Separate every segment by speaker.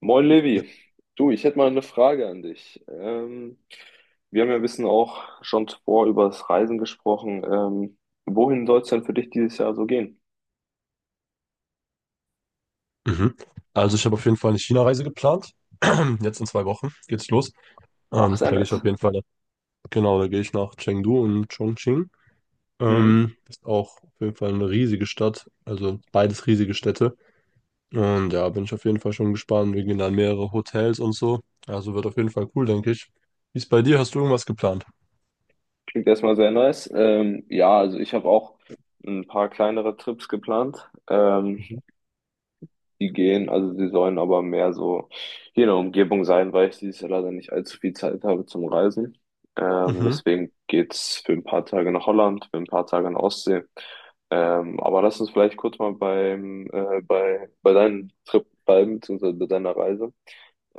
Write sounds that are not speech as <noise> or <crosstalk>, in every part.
Speaker 1: Moin Levi, du, ich hätte mal eine Frage an dich. Wir haben ja ein bisschen auch schon vor über das Reisen gesprochen. Wohin soll es denn für dich dieses Jahr so gehen?
Speaker 2: Mhm. Also ich habe auf jeden Fall eine China-Reise geplant. <clears throat> Jetzt in zwei Wochen geht's los.
Speaker 1: Ach, sehr
Speaker 2: Da gehe ich
Speaker 1: nice.
Speaker 2: auf jeden Fall, genau, da gehe ich nach Chengdu und Chongqing.
Speaker 1: Mhm.
Speaker 2: Ist auch auf jeden Fall eine riesige Stadt, also beides riesige Städte. Und ja, bin ich auf jeden Fall schon gespannt. Wir gehen dann mehrere Hotels und so. Also wird auf jeden Fall cool, denke ich. Wie ist bei dir? Hast du irgendwas geplant?
Speaker 1: Klingt erstmal sehr nice. Ja, also ich habe auch ein paar kleinere Trips geplant.
Speaker 2: Mhm.
Speaker 1: Die gehen, also die sollen aber mehr so hier in der Umgebung sein, weil ich dieses Jahr leider nicht allzu viel Zeit habe zum Reisen.
Speaker 2: Mhm.
Speaker 1: Deswegen geht's für ein paar Tage nach Holland, für ein paar Tage in die Ostsee. Aber lass uns vielleicht kurz mal bei deinem Trip bleiben, beziehungsweise bei deiner Reise.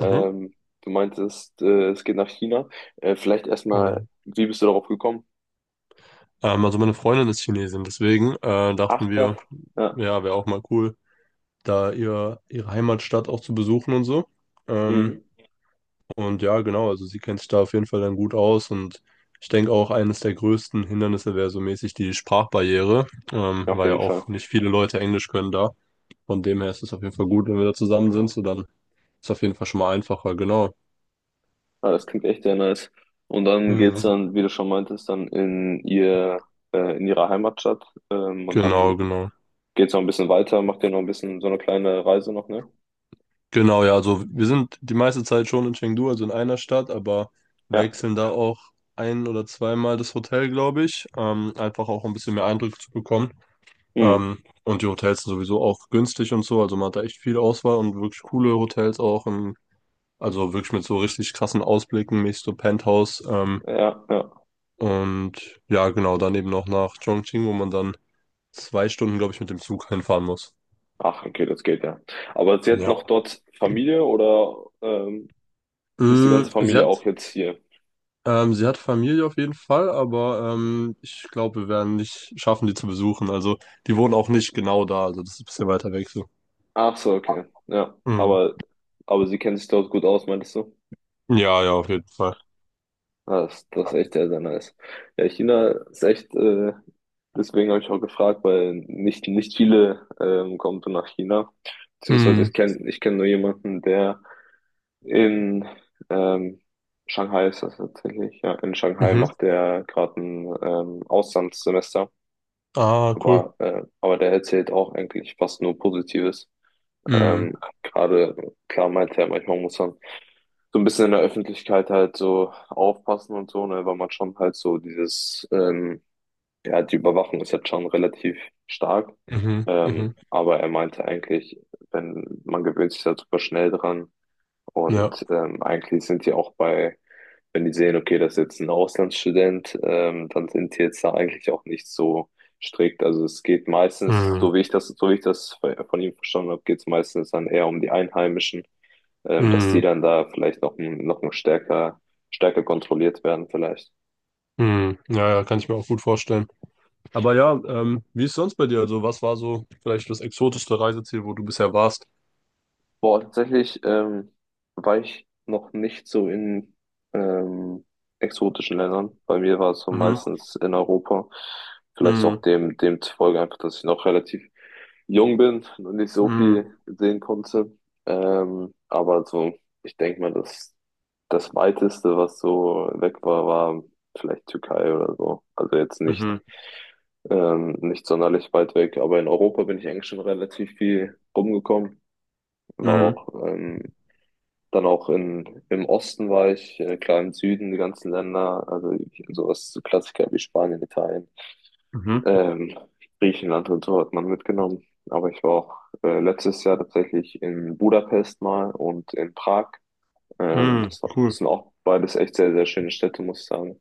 Speaker 2: Mhm.
Speaker 1: Du meintest, es geht nach China. Vielleicht erstmal,
Speaker 2: Genau.
Speaker 1: wie bist du darauf gekommen?
Speaker 2: Also meine Freundin ist Chinesin, deswegen
Speaker 1: Ach,
Speaker 2: dachten
Speaker 1: krass.
Speaker 2: wir,
Speaker 1: Ja.
Speaker 2: ja, wäre auch mal cool, da ihre Heimatstadt auch zu besuchen und so. Ähm,
Speaker 1: Mhm.
Speaker 2: und ja, genau, also sie kennt sich da auf jeden Fall dann gut aus, und ich denke auch, eines der größten Hindernisse wäre so mäßig die Sprachbarriere,
Speaker 1: Auf
Speaker 2: weil ja
Speaker 1: jeden Fall.
Speaker 2: auch nicht viele Leute Englisch können da. Von dem her ist es auf jeden Fall gut, wenn wir da zusammen sind, so dann ist es auf jeden Fall schon mal einfacher, genau.
Speaker 1: Ah, das klingt echt sehr nice. Und dann geht's
Speaker 2: Hm.
Speaker 1: dann, wie du schon meintest, dann in ihre Heimatstadt. Und
Speaker 2: Genau,
Speaker 1: dann
Speaker 2: genau.
Speaker 1: geht's noch ein bisschen weiter, macht ihr noch ein bisschen so eine kleine Reise noch, ne?
Speaker 2: Genau, ja, also wir sind die meiste Zeit schon in Chengdu, also in einer Stadt, aber
Speaker 1: Ja.
Speaker 2: wechseln da auch ein oder zweimal das Hotel, glaube ich, einfach auch um ein bisschen mehr Eindruck zu bekommen.
Speaker 1: Hm.
Speaker 2: Und die Hotels sind sowieso auch günstig und so. Also man hat da echt viel Auswahl und wirklich coole Hotels auch. Und also wirklich mit so richtig krassen Ausblicken, mäßig so Penthouse.
Speaker 1: Ja, ja.
Speaker 2: Und ja, genau, dann eben noch nach Chongqing, wo man dann zwei Stunden, glaube ich, mit dem Zug hinfahren muss.
Speaker 1: Ach, okay, das geht ja. Aber sie hat
Speaker 2: Ja.
Speaker 1: noch dort Familie oder ähm, ist die
Speaker 2: Mm,
Speaker 1: ganze Familie auch jetzt hier?
Speaker 2: sie hat Familie auf jeden Fall, aber ich glaube, wir werden nicht schaffen, die zu besuchen. Also die wohnen auch nicht genau da. Also das ist ein bisschen weiter weg so.
Speaker 1: Ach so, okay. Ja.
Speaker 2: Mm.
Speaker 1: Aber sie kennt sich dort gut aus, meintest du?
Speaker 2: Ja, ja, auf jeden Fall.
Speaker 1: Ah, das, das ist echt sehr, sehr nice. Ja, China ist echt, deswegen habe ich auch gefragt, weil nicht viele kommen so nach China. Beziehungsweise
Speaker 2: Mm.
Speaker 1: ich kenn nur jemanden, der in ähm, Shanghai ist das tatsächlich. Ja, in Shanghai
Speaker 2: Mhm.
Speaker 1: macht der gerade ein Auslandssemester.
Speaker 2: Ah, cool.
Speaker 1: Aber der erzählt auch eigentlich fast nur Positives.
Speaker 2: Mhm.
Speaker 1: Ähm, gerade, klar meint er, manchmal muss man so ein bisschen in der Öffentlichkeit halt so aufpassen und so, ne, weil man schon halt so dieses, ja, die Überwachung ist jetzt schon relativ stark.
Speaker 2: Mhm. Mhm.
Speaker 1: Aber er meinte eigentlich, wenn man gewöhnt sich da super schnell dran,
Speaker 2: Ja.
Speaker 1: und eigentlich sind die auch bei, wenn die sehen, okay, das ist jetzt ein Auslandsstudent, dann sind die jetzt da eigentlich auch nicht so strikt. Also es geht meistens,
Speaker 2: Mhm.
Speaker 1: so wie ich das von ihm verstanden habe, geht es meistens dann eher um die Einheimischen, dass die
Speaker 2: Mhm.
Speaker 1: dann da vielleicht noch ein stärker kontrolliert werden, vielleicht.
Speaker 2: Mhm. Ja, ja, kann ich mir auch gut vorstellen. Aber ja, wie ist sonst bei dir? Also, was war so vielleicht das exotischste Reiseziel, wo du bisher warst?
Speaker 1: Boah, tatsächlich war ich noch nicht so in ähm, exotischen Ländern. Bei mir war es so
Speaker 2: Mhm.
Speaker 1: meistens in Europa. Vielleicht auch
Speaker 2: Mhm.
Speaker 1: dem zufolge einfach, dass ich noch relativ jung bin und nicht so
Speaker 2: Mhm.
Speaker 1: viel sehen konnte. Ähm, aber so, Ich denke mal, das Weiteste, was so weg war, war vielleicht Türkei oder so. Also jetzt nicht,
Speaker 2: Mhm.
Speaker 1: nicht sonderlich weit weg. Aber in Europa bin ich eigentlich schon relativ viel rumgekommen. War
Speaker 2: Mhm.
Speaker 1: auch, ähm, Dann auch in, im Osten war ich, klar im Süden, die ganzen Länder, also sowas, so Klassiker wie Spanien, Italien,
Speaker 2: Mhm.
Speaker 1: ähm, Griechenland und so hat man mitgenommen. Aber ich war auch letztes Jahr tatsächlich in Budapest mal und in Prag.
Speaker 2: Mhm. Cool.
Speaker 1: Das sind auch beides echt sehr, sehr schöne Städte, muss ich sagen.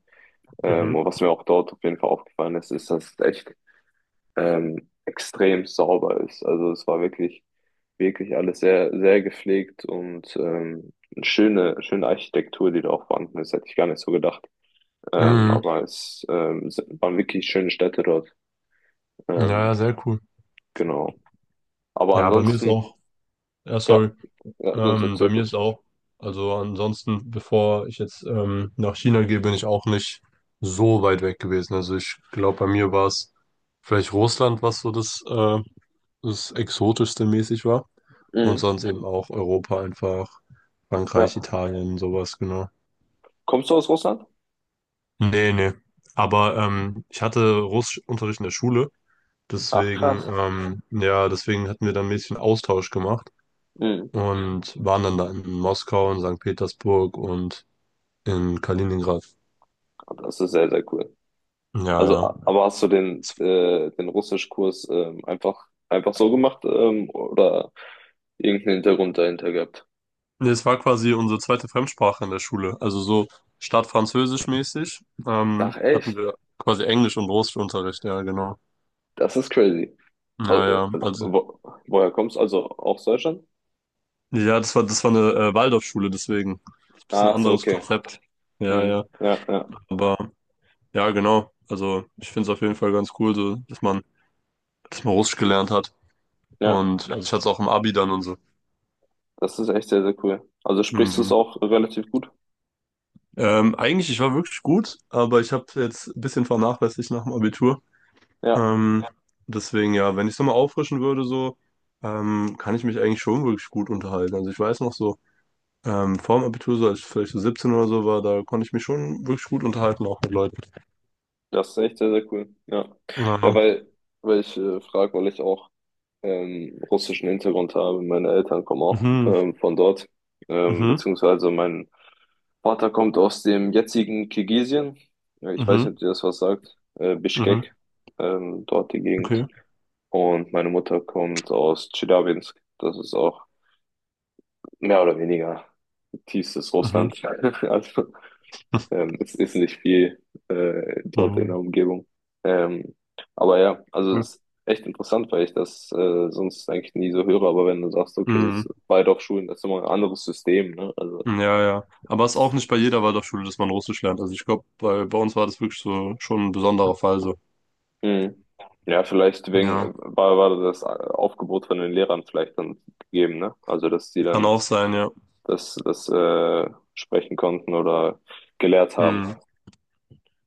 Speaker 2: Mhm.
Speaker 1: Und was mir auch dort auf jeden Fall aufgefallen ist, ist, dass es echt extrem sauber ist. Also es war wirklich Wirklich alles sehr, sehr gepflegt und eine schöne, schöne Architektur, die da auch vorhanden ist, hätte ich gar nicht so gedacht.
Speaker 2: Mhm.
Speaker 1: Es waren wirklich schöne Städte dort.
Speaker 2: Ja, ja,
Speaker 1: Ähm,
Speaker 2: sehr cool.
Speaker 1: genau. Aber
Speaker 2: Ja, bei mir ist
Speaker 1: ansonsten,
Speaker 2: auch. Ja,
Speaker 1: ja,
Speaker 2: sorry.
Speaker 1: ja, sonst der
Speaker 2: Bei mir
Speaker 1: Zirkus.
Speaker 2: ist auch, also ansonsten, bevor ich jetzt nach China gehe, bin ich auch nicht so weit weg gewesen. Also ich glaube, bei mir war es vielleicht Russland, was so das Exotischste mäßig war. Und
Speaker 1: Mhm.
Speaker 2: sonst eben auch Europa einfach, Frankreich,
Speaker 1: Ja.
Speaker 2: Italien, sowas, genau.
Speaker 1: Kommst du aus Russland?
Speaker 2: Nee, nee. Aber ich hatte Russischunterricht in der Schule,
Speaker 1: Ach,
Speaker 2: deswegen,
Speaker 1: krass.
Speaker 2: ja, deswegen hatten wir dann ein bisschen Austausch gemacht
Speaker 1: Mhm.
Speaker 2: und waren dann da in Moskau und Sankt Petersburg und in Kaliningrad.
Speaker 1: Ja, das ist sehr, sehr cool.
Speaker 2: Ja,
Speaker 1: Also,
Speaker 2: ja.
Speaker 1: a- aber hast du den,
Speaker 2: Es
Speaker 1: den Russischkurs einfach so gemacht oder irgendeinen Hintergrund dahinter gehabt?
Speaker 2: es war quasi unsere zweite Fremdsprache in der Schule. Also so statt Französisch mäßig
Speaker 1: Ach,
Speaker 2: hatten
Speaker 1: echt?
Speaker 2: wir quasi Englisch und Russischunterricht. Ja, genau.
Speaker 1: Das ist crazy. Au-
Speaker 2: Ja,
Speaker 1: äh,
Speaker 2: ja. Also,
Speaker 1: Wo, Woher kommst du? Also aus Deutschland?
Speaker 2: ja, das war eine Waldorfschule, deswegen. Bisschen
Speaker 1: Ach so,
Speaker 2: anderes
Speaker 1: okay.
Speaker 2: Konzept. Ja, ja.
Speaker 1: Hm. Ja, ja,
Speaker 2: Aber ja, genau. Also ich finde es auf jeden Fall ganz cool, so, dass man Russisch gelernt hat.
Speaker 1: ja.
Speaker 2: Und also ich hatte es auch im Abi dann und so.
Speaker 1: Das ist echt sehr, sehr cool. Also sprichst du es
Speaker 2: Mhm.
Speaker 1: auch relativ gut?
Speaker 2: Eigentlich, ich war wirklich gut, aber ich habe jetzt ein bisschen vernachlässigt nach dem Abitur.
Speaker 1: Ja,
Speaker 2: Ähm, deswegen ja, wenn ich es nochmal auffrischen würde, so, kann ich mich eigentlich schon wirklich gut unterhalten. Also ich weiß noch so, vor dem Abitur, so als ich vielleicht so 17 oder so war, da konnte ich mich schon wirklich gut unterhalten, auch mit Leuten.
Speaker 1: das ist echt sehr, sehr cool. Ja, ja,
Speaker 2: Ja.
Speaker 1: weil, Weil ich frage, weil ich auch russischen Hintergrund habe. Meine Eltern kommen auch
Speaker 2: Mhm.
Speaker 1: von dort,
Speaker 2: Mhm.
Speaker 1: beziehungsweise mein Vater kommt aus dem jetzigen Kirgisien. Ja, ich weiß
Speaker 2: Mhm.
Speaker 1: nicht, ob dir das was sagt.
Speaker 2: Mhm.
Speaker 1: Bischkek, dort die Gegend.
Speaker 2: Okay.
Speaker 1: Und meine Mutter kommt aus Tscheljabinsk. Das ist auch mehr oder weniger tiefstes
Speaker 2: Mhm.
Speaker 1: Russland. <laughs> Also
Speaker 2: <laughs>
Speaker 1: es ist nicht viel dort in
Speaker 2: Mhm.
Speaker 1: der Umgebung. Ähm, aber ja, also
Speaker 2: Cool.
Speaker 1: es ist echt interessant, weil ich das sonst eigentlich nie so höre. Aber wenn du sagst, okay, das
Speaker 2: Mhm.
Speaker 1: Waldorfschulen, das ist immer ein anderes System, ne? Also
Speaker 2: Ja, ja. Aber es ist auch nicht bei jeder Waldorfschule, dass man Russisch lernt. Also ich glaube, bei uns war das wirklich so schon ein besonderer Fall so.
Speaker 1: mhm. Ja, vielleicht wegen,
Speaker 2: Ja.
Speaker 1: war das Aufgebot von den Lehrern vielleicht dann gegeben, ne? Also, dass die
Speaker 2: Kann
Speaker 1: dann
Speaker 2: auch sein, ja.
Speaker 1: das sprechen konnten oder gelehrt haben.
Speaker 2: Mhm.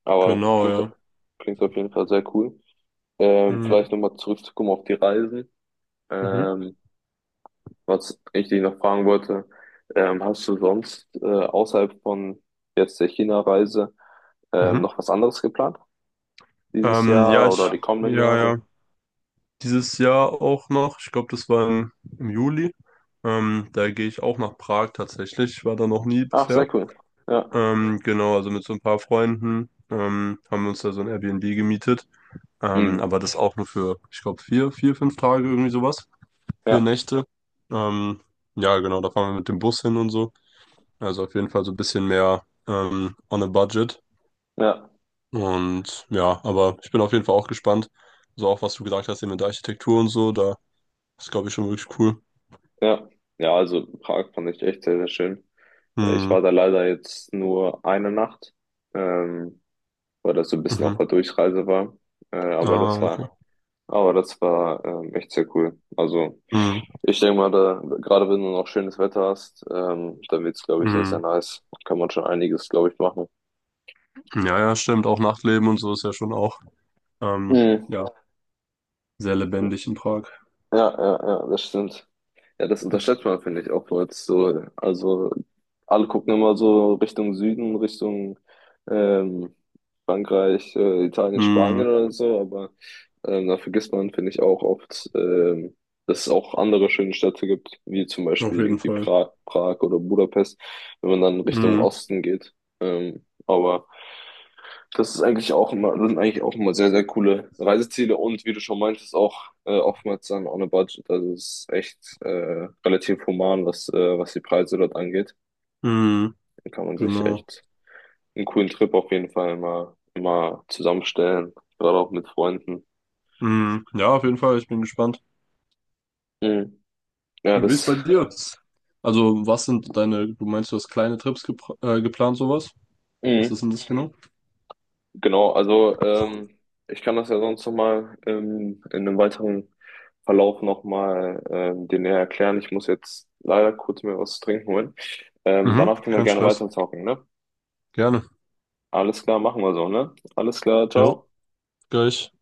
Speaker 1: Aber
Speaker 2: Genau, ja.
Speaker 1: klingt auf jeden Fall sehr cool. Vielleicht
Speaker 2: Mhm.
Speaker 1: nochmal zurückzukommen auf die Reisen.
Speaker 2: Mhm.
Speaker 1: Ähm, Was ich dich noch fragen wollte, hast du sonst außerhalb von jetzt der China-Reise
Speaker 2: Mhm.
Speaker 1: noch was anderes geplant? Dieses
Speaker 2: Ähm, ja,
Speaker 1: Jahr
Speaker 2: ich,
Speaker 1: oder die kommenden
Speaker 2: ja,
Speaker 1: Jahre?
Speaker 2: ja, dieses Jahr auch noch. Ich glaube, im Juli. Da gehe ich auch nach Prag tatsächlich. Ich war da noch nie
Speaker 1: Ach, sehr
Speaker 2: bisher.
Speaker 1: cool. Ja.
Speaker 2: Genau, also mit so ein paar Freunden haben wir uns da so ein Airbnb gemietet.
Speaker 1: Mhm.
Speaker 2: Aber das auch nur für, ich glaube, vier, fünf Tage irgendwie sowas. Vier
Speaker 1: Ja,
Speaker 2: Nächte. Ähm, ja, genau, da fahren wir mit dem Bus hin und so. Also auf jeden Fall so ein bisschen mehr on a budget.
Speaker 1: ja,
Speaker 2: Und ja, aber ich bin auf jeden Fall auch gespannt. So auch, was du gesagt hast, eben mit der Architektur und so, da ist, glaube ich, schon wirklich cool.
Speaker 1: ja. Ja, also Prag fand ich echt sehr, sehr schön. Ich war
Speaker 2: Hm,
Speaker 1: da leider jetzt nur eine Nacht, ähm, weil das so ein bisschen auf
Speaker 2: mhm.
Speaker 1: der Durchreise war. Äh, aber das
Speaker 2: Ah,
Speaker 1: war,
Speaker 2: okay.
Speaker 1: aber das war echt sehr cool. Also
Speaker 2: Hm,
Speaker 1: ich denke mal, da, gerade wenn du noch schönes Wetter hast, dann wird's, glaube ich, sehr, sehr
Speaker 2: hm.
Speaker 1: nice. Kann man schon einiges, glaube ich, machen.
Speaker 2: Ja, ja, stimmt. Auch Nachtleben und so ist ja schon auch, ähm,
Speaker 1: Mhm.
Speaker 2: ja, sehr lebendig in Prag.
Speaker 1: Ja, ja, ja, das stimmt. Ja, das unterschätzt man, finde ich, auch jetzt so. Also, alle gucken immer so Richtung Süden, Richtung ähm, Frankreich, Italien,
Speaker 2: Hm,
Speaker 1: Spanien oder so, aber da vergisst man, finde ich, auch oft, dass es auch andere schöne Städte gibt, wie zum
Speaker 2: auf
Speaker 1: Beispiel
Speaker 2: jeden
Speaker 1: irgendwie
Speaker 2: Fall.
Speaker 1: Prag oder Budapest, wenn man dann Richtung
Speaker 2: Hm,
Speaker 1: Osten geht. Aber das ist eigentlich auch immer, sind eigentlich auch immer sehr, sehr coole Reiseziele, und wie du schon meintest, auch oftmals dann on a budget. Also es ist echt relativ human, was die Preise dort angeht.
Speaker 2: hm,
Speaker 1: Dann kann man sich
Speaker 2: genau.
Speaker 1: echt einen coolen Trip auf jeden Fall mal zusammenstellen, gerade auch mit Freunden.
Speaker 2: Hm, ja, auf jeden Fall. Ich bin gespannt.
Speaker 1: Mhm. Ja,
Speaker 2: Und wie ist
Speaker 1: das.
Speaker 2: bei dir? Also, was sind deine, du meinst, du hast kleine Trips geplant, sowas? Was ist
Speaker 1: Mhm.
Speaker 2: denn das genau?
Speaker 1: Genau, also ich kann das ja sonst nochmal in einem weiteren Verlauf nochmal dir näher erklären. Ich muss jetzt leider kurz mir was zu trinken holen.
Speaker 2: Mhm,
Speaker 1: Danach können wir
Speaker 2: kein
Speaker 1: gerne
Speaker 2: Stress.
Speaker 1: weiterzocken, ne?
Speaker 2: Gerne.
Speaker 1: Alles klar, machen wir so, ne? Alles klar,
Speaker 2: Jo,
Speaker 1: ciao.
Speaker 2: gleich.